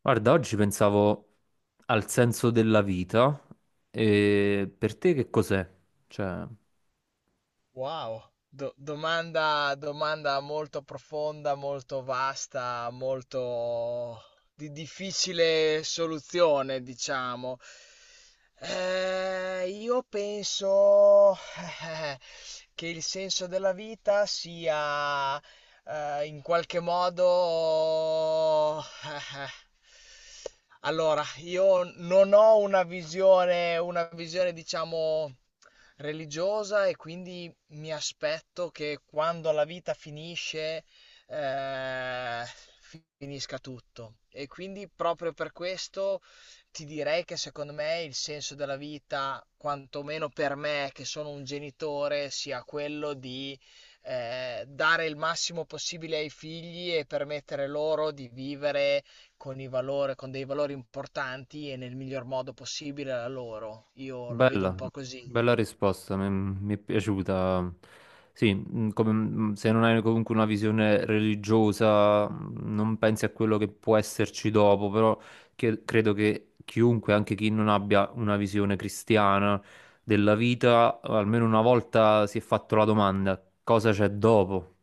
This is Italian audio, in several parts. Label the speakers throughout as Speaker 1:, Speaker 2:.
Speaker 1: Guarda, oggi pensavo al senso della vita e per te che cos'è? Cioè,
Speaker 2: Wow, domanda, domanda molto profonda, molto vasta, molto di difficile soluzione, diciamo. Io penso che il senso della vita sia in qualche modo. Allora, io non ho una visione, diciamo, religiosa e quindi mi aspetto che quando la vita finisce, eh, finisca tutto. E quindi proprio per questo ti direi che secondo me il senso della vita, quantomeno per me che sono un genitore, sia quello di dare il massimo possibile ai figli e permettere loro di vivere con i valori, con dei valori importanti e nel miglior modo possibile a loro. Io la vedo un
Speaker 1: Bella,
Speaker 2: po' così.
Speaker 1: bella risposta, mi è piaciuta. Sì, se non hai comunque una visione religiosa, non pensi a quello che può esserci dopo, però credo che chiunque, anche chi non abbia una visione cristiana della vita, almeno una volta si è fatto la domanda, cosa c'è dopo?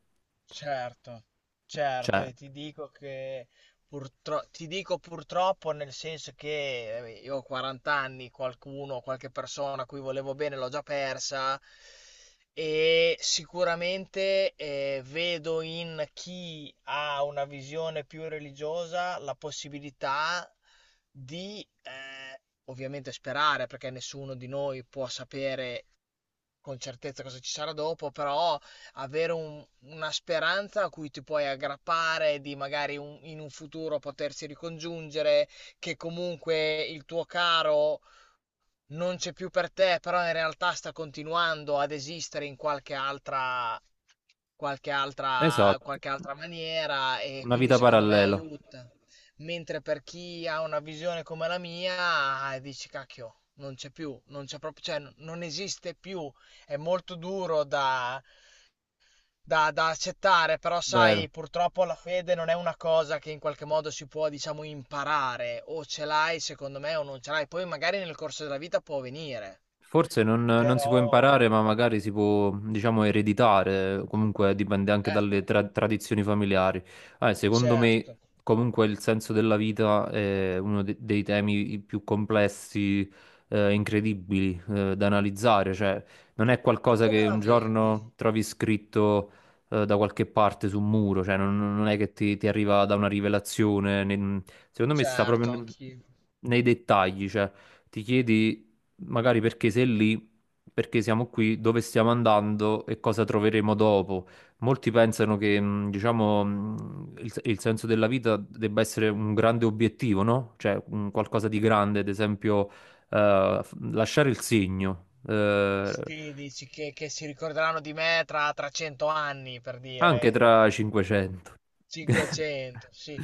Speaker 2: Certo, certo,
Speaker 1: Cioè,
Speaker 2: e ti dico che ti dico purtroppo nel senso che io ho 40 anni, qualcuno, qualche persona a cui volevo bene l'ho già persa e sicuramente vedo in chi ha una visione più religiosa la possibilità di, ovviamente sperare, perché nessuno di noi può sapere con certezza cosa ci sarà dopo, però avere una speranza a cui ti puoi aggrappare di magari in un futuro potersi ricongiungere, che comunque il tuo caro non c'è più per te, però in realtà sta continuando ad esistere in qualche altra, qualche altra,
Speaker 1: esatto.
Speaker 2: qualche altra maniera e
Speaker 1: Una
Speaker 2: quindi
Speaker 1: vita
Speaker 2: secondo me
Speaker 1: parallela,
Speaker 2: aiuta. Mentre per chi ha una visione come la mia, dici cacchio, non c'è più, non c'è proprio, cioè, non esiste più. È molto duro da, da, da accettare, però
Speaker 1: vero.
Speaker 2: sai, purtroppo la fede non è una cosa che in qualche modo si può, diciamo, imparare, o ce l'hai secondo me o non ce l'hai, poi magari nel corso della vita può venire,
Speaker 1: Forse non si può imparare,
Speaker 2: però
Speaker 1: ma magari si può, diciamo, ereditare, comunque dipende anche dalle
Speaker 2: ecco,
Speaker 1: tradizioni familiari. Secondo
Speaker 2: certo.
Speaker 1: me, comunque, il senso della vita è uno dei temi più complessi, incredibili, da analizzare,
Speaker 2: Tu,
Speaker 1: cioè non
Speaker 2: tu,
Speaker 1: è
Speaker 2: tu
Speaker 1: qualcosa
Speaker 2: come
Speaker 1: che
Speaker 2: la
Speaker 1: un
Speaker 2: vedi?
Speaker 1: giorno trovi scritto, da qualche parte su un muro, cioè non è che ti arriva da una rivelazione, secondo me sta proprio
Speaker 2: Certo, anch'io.
Speaker 1: nei dettagli, cioè ti chiedi magari perché sei lì, perché siamo qui, dove stiamo andando e cosa troveremo dopo. Molti pensano che, diciamo, il senso della vita debba essere un grande obiettivo, no? Cioè, un qualcosa di grande, ad esempio, lasciare il segno,
Speaker 2: Sì, dici che si ricorderanno di me tra, tra 100 anni, per
Speaker 1: anche
Speaker 2: dire.
Speaker 1: tra 500.
Speaker 2: 500, sì.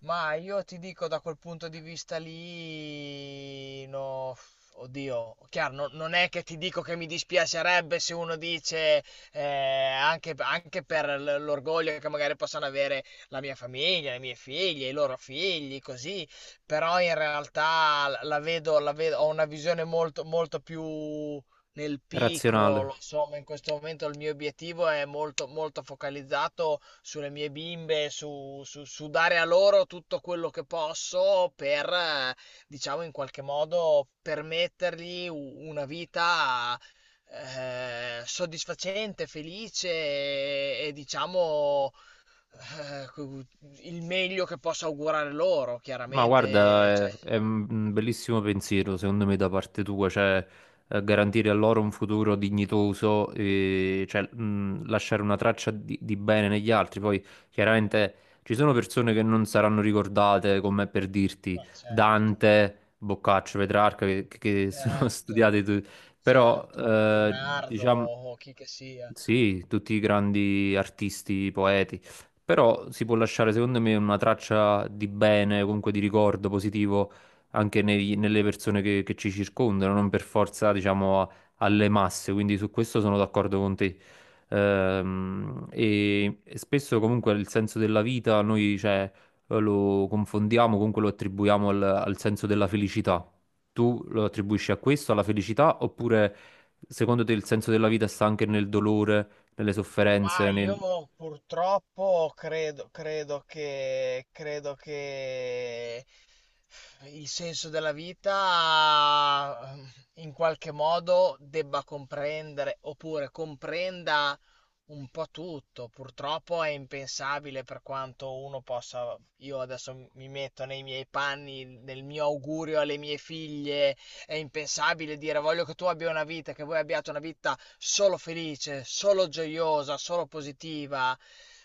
Speaker 2: Ma io ti dico da quel punto di vista lì, no, oddio, chiaro, non è che ti dico che mi dispiacerebbe se uno dice, anche, anche per l'orgoglio che magari possano avere la mia famiglia, le mie figlie, i loro figli, così, però in realtà la vedo, ho una visione molto, molto più nel
Speaker 1: Razionale.
Speaker 2: piccolo, insomma, in questo momento il mio obiettivo è molto, molto focalizzato sulle mie bimbe, su, su dare a loro tutto quello che posso per, diciamo, in qualche modo permettergli una vita soddisfacente, felice e, diciamo, eh, cu- il meglio che posso augurare loro,
Speaker 1: Ma guarda,
Speaker 2: chiaramente, cioè,
Speaker 1: è un bellissimo pensiero, secondo me, da parte tua, cioè garantire a loro un futuro dignitoso, e, cioè, lasciare una traccia di bene negli altri. Poi, chiaramente, ci sono persone che non saranno ricordate, come per dirti
Speaker 2: ma certo,
Speaker 1: Dante, Boccaccio, Petrarca, che sono
Speaker 2: certo.
Speaker 1: studiati, però,
Speaker 2: Certo, o Leonardo
Speaker 1: diciamo
Speaker 2: o chi che sia.
Speaker 1: sì, tutti i grandi artisti, poeti, però si può lasciare secondo me una traccia di bene, comunque di ricordo positivo anche nelle persone che ci circondano, non per forza, diciamo, alle masse, quindi su questo sono d'accordo con te. E spesso comunque il senso della vita noi, cioè, lo confondiamo, comunque lo attribuiamo al al senso della felicità tu lo attribuisci a questo, alla felicità, oppure secondo te il senso della vita sta anche nel dolore, nelle
Speaker 2: Ma
Speaker 1: sofferenze, nel...
Speaker 2: io purtroppo credo, credo che il senso della vita in qualche modo debba comprendere oppure comprenda un po' tutto. Purtroppo è impensabile per quanto uno possa. Io adesso mi metto nei miei panni, nel mio augurio alle mie figlie. È impensabile dire voglio che tu abbia una vita, che voi abbiate una vita solo felice, solo gioiosa, solo positiva.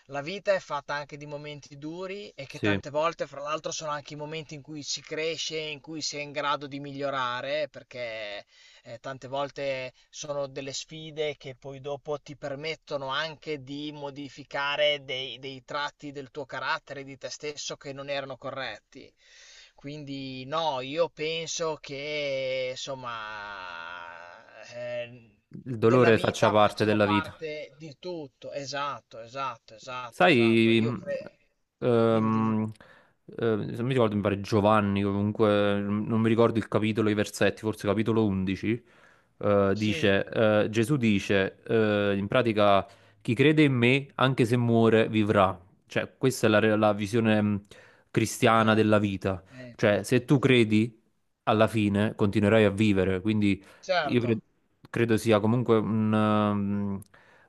Speaker 2: La vita è fatta anche di momenti duri e che
Speaker 1: Sì,
Speaker 2: tante volte, fra l'altro, sono anche i momenti in cui si cresce, in cui si è in grado di migliorare, perché tante volte sono delle sfide che poi dopo ti permettono anche di modificare dei, dei tratti del tuo carattere, di te stesso che non erano corretti. Quindi no, io penso che insomma
Speaker 1: il
Speaker 2: della
Speaker 1: dolore faccia
Speaker 2: vita
Speaker 1: parte
Speaker 2: facciano
Speaker 1: della vita.
Speaker 2: parte di tutto. Esatto, esatto, esatto, esatto.
Speaker 1: Sai,
Speaker 2: Io credo. Dimmi, dimmi.
Speaker 1: ehm, se mi ricordo, mi pare Giovanni, comunque, non mi ricordo il capitolo, i versetti, forse capitolo 11,
Speaker 2: Sì,
Speaker 1: dice, Gesù dice, in pratica, chi crede in me, anche se muore, vivrà. Cioè, questa è la, la visione cristiana della
Speaker 2: certo.
Speaker 1: vita. Cioè, se
Speaker 2: Infatti.
Speaker 1: tu credi, alla fine continuerai a vivere, quindi io cre-
Speaker 2: Certo,
Speaker 1: credo sia comunque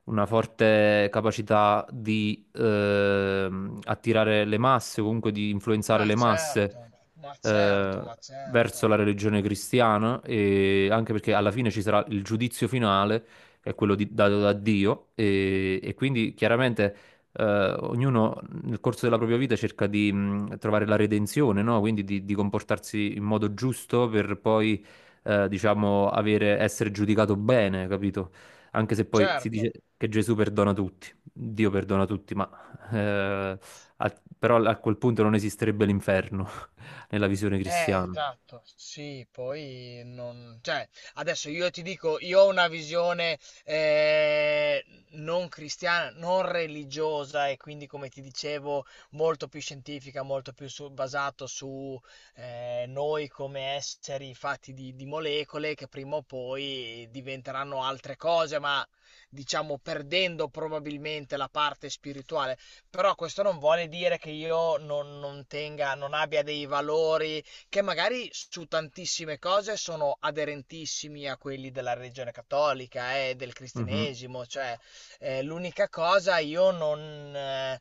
Speaker 1: una forte capacità di attirare le masse, o comunque di influenzare
Speaker 2: ma
Speaker 1: le masse
Speaker 2: certo, ma certo,
Speaker 1: eh,
Speaker 2: ma
Speaker 1: verso
Speaker 2: certo.
Speaker 1: la religione cristiana, e anche perché alla fine ci sarà il giudizio finale, che è dato da Dio, e quindi chiaramente ognuno nel corso della propria vita cerca di trovare la redenzione, no? Quindi di comportarsi in modo giusto per poi diciamo, avere, essere giudicato bene, capito? Anche se poi si
Speaker 2: Certo.
Speaker 1: dice che Gesù perdona tutti, Dio perdona tutti, ma eh, però a quel punto non esisterebbe l'inferno nella visione cristiana.
Speaker 2: Esatto, sì, poi non... Cioè, adesso io ti dico, io ho una visione eh, non cristiana, non religiosa e quindi, come ti dicevo, molto più scientifica, molto più basato su noi come esseri fatti di molecole che prima o poi diventeranno altre cose, ma diciamo perdendo probabilmente la parte spirituale. Però questo non vuole dire che io non, non tenga, non abbia dei valori che magari su tantissime cose sono aderentissimi a quelli della religione cattolica e del
Speaker 1: Mhm,
Speaker 2: cristianesimo, cioè l'unica cosa io non... eh,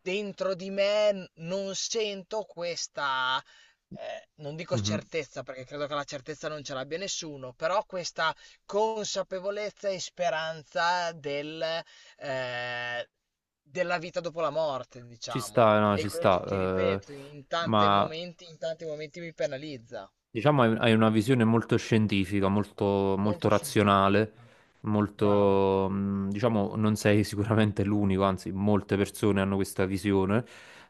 Speaker 2: dentro di me non sento questa, non dico
Speaker 1: mhm.
Speaker 2: certezza perché credo che la certezza non ce l'abbia nessuno, però questa consapevolezza e speranza del, eh, della vita dopo la morte,
Speaker 1: Ci
Speaker 2: diciamo.
Speaker 1: sta, no,
Speaker 2: E
Speaker 1: ci
Speaker 2: questo
Speaker 1: sta.
Speaker 2: ti ripeto,
Speaker 1: Ma
Speaker 2: in tanti momenti mi penalizza.
Speaker 1: Diciamo hai una visione molto scientifica, molto, molto
Speaker 2: Molto scientifica,
Speaker 1: razionale,
Speaker 2: bravo. Bravo,
Speaker 1: molto, diciamo, non sei sicuramente l'unico, anzi, molte persone hanno questa visione.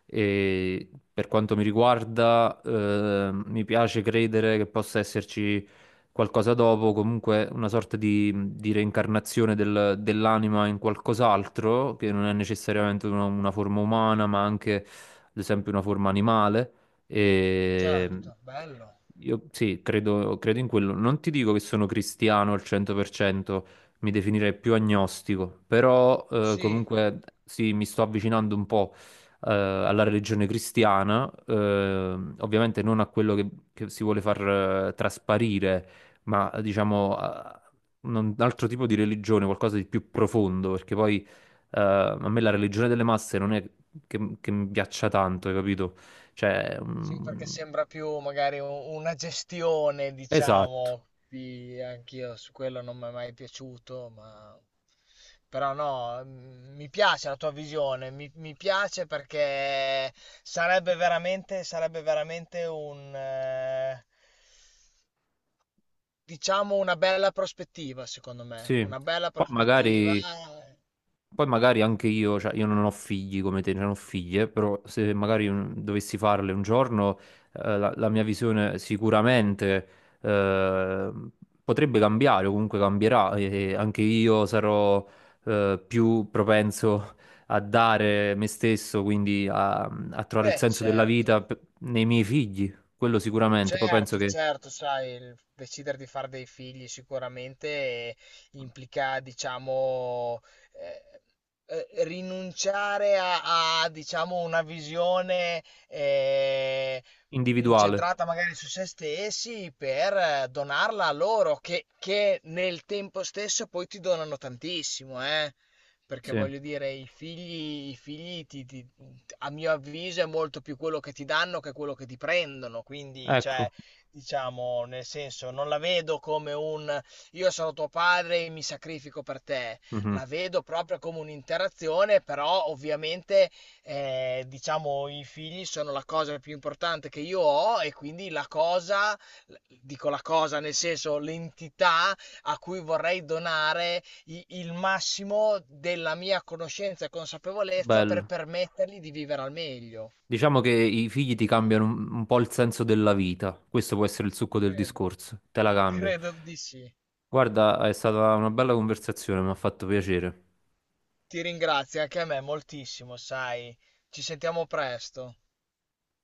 Speaker 1: E per quanto mi riguarda, mi piace credere che possa esserci qualcosa dopo, comunque una sorta di reincarnazione dell'anima in qualcos'altro, che non è necessariamente una forma umana, ma anche, ad esempio, una forma animale. E
Speaker 2: certo, bello.
Speaker 1: io sì, credo in quello. Non ti dico che sono cristiano al 100%, mi definirei più agnostico, però
Speaker 2: Sì.
Speaker 1: comunque sì, mi sto avvicinando un po' alla religione cristiana, ovviamente non a quello che si vuole far trasparire, ma diciamo a un altro tipo di religione, qualcosa di più profondo, perché poi a me la religione delle masse non è che mi piaccia tanto, hai capito? Cioè,
Speaker 2: Sì,
Speaker 1: mm,
Speaker 2: perché sembra più magari una gestione,
Speaker 1: esatto,
Speaker 2: diciamo, anch'io su quello non mi è mai piaciuto, ma però no, mi piace la tua visione, mi piace perché sarebbe veramente un, diciamo, una bella prospettiva, secondo me,
Speaker 1: sì.
Speaker 2: una bella
Speaker 1: Poi
Speaker 2: prospettiva.
Speaker 1: magari, poi magari anche io, cioè io non ho figli come te, non ho figlie, però se magari dovessi farle un giorno, la mia visione sicuramente eh, potrebbe cambiare, o comunque cambierà, e anche io sarò più propenso a dare me stesso, quindi a trovare il
Speaker 2: Beh,
Speaker 1: senso della
Speaker 2: certo.
Speaker 1: vita nei miei figli, quello sicuramente, poi penso
Speaker 2: Certo,
Speaker 1: che
Speaker 2: certo, sai, il decidere di fare dei figli sicuramente implica, diciamo, eh, rinunciare a, a, diciamo, una visione eh,
Speaker 1: individuale,
Speaker 2: incentrata magari su se stessi per donarla a loro, che nel tempo stesso poi ti donano tantissimo, eh. Perché
Speaker 1: sì.
Speaker 2: voglio dire, i figli a mio avviso è molto più quello che ti danno che quello che ti prendono. Quindi, cioè,
Speaker 1: Ecco,
Speaker 2: diciamo, nel senso, non la vedo come un io sono tuo padre e mi sacrifico per te.
Speaker 1: mhm.
Speaker 2: La vedo proprio come un'interazione, però ovviamente, diciamo, i figli sono la cosa più importante che io ho e quindi la cosa, dico la cosa, nel senso, l'entità a cui vorrei donare il massimo della mia conoscenza e consapevolezza per
Speaker 1: Bello.
Speaker 2: permettergli di vivere al meglio.
Speaker 1: Diciamo che i figli ti cambiano un po' il senso della vita. Questo può essere il succo del
Speaker 2: Credo.
Speaker 1: discorso. Te la cambio.
Speaker 2: Credo di sì.
Speaker 1: Guarda, è stata una bella conversazione, mi ha fatto piacere.
Speaker 2: Ti ringrazio anche a me moltissimo, sai. Ci sentiamo presto.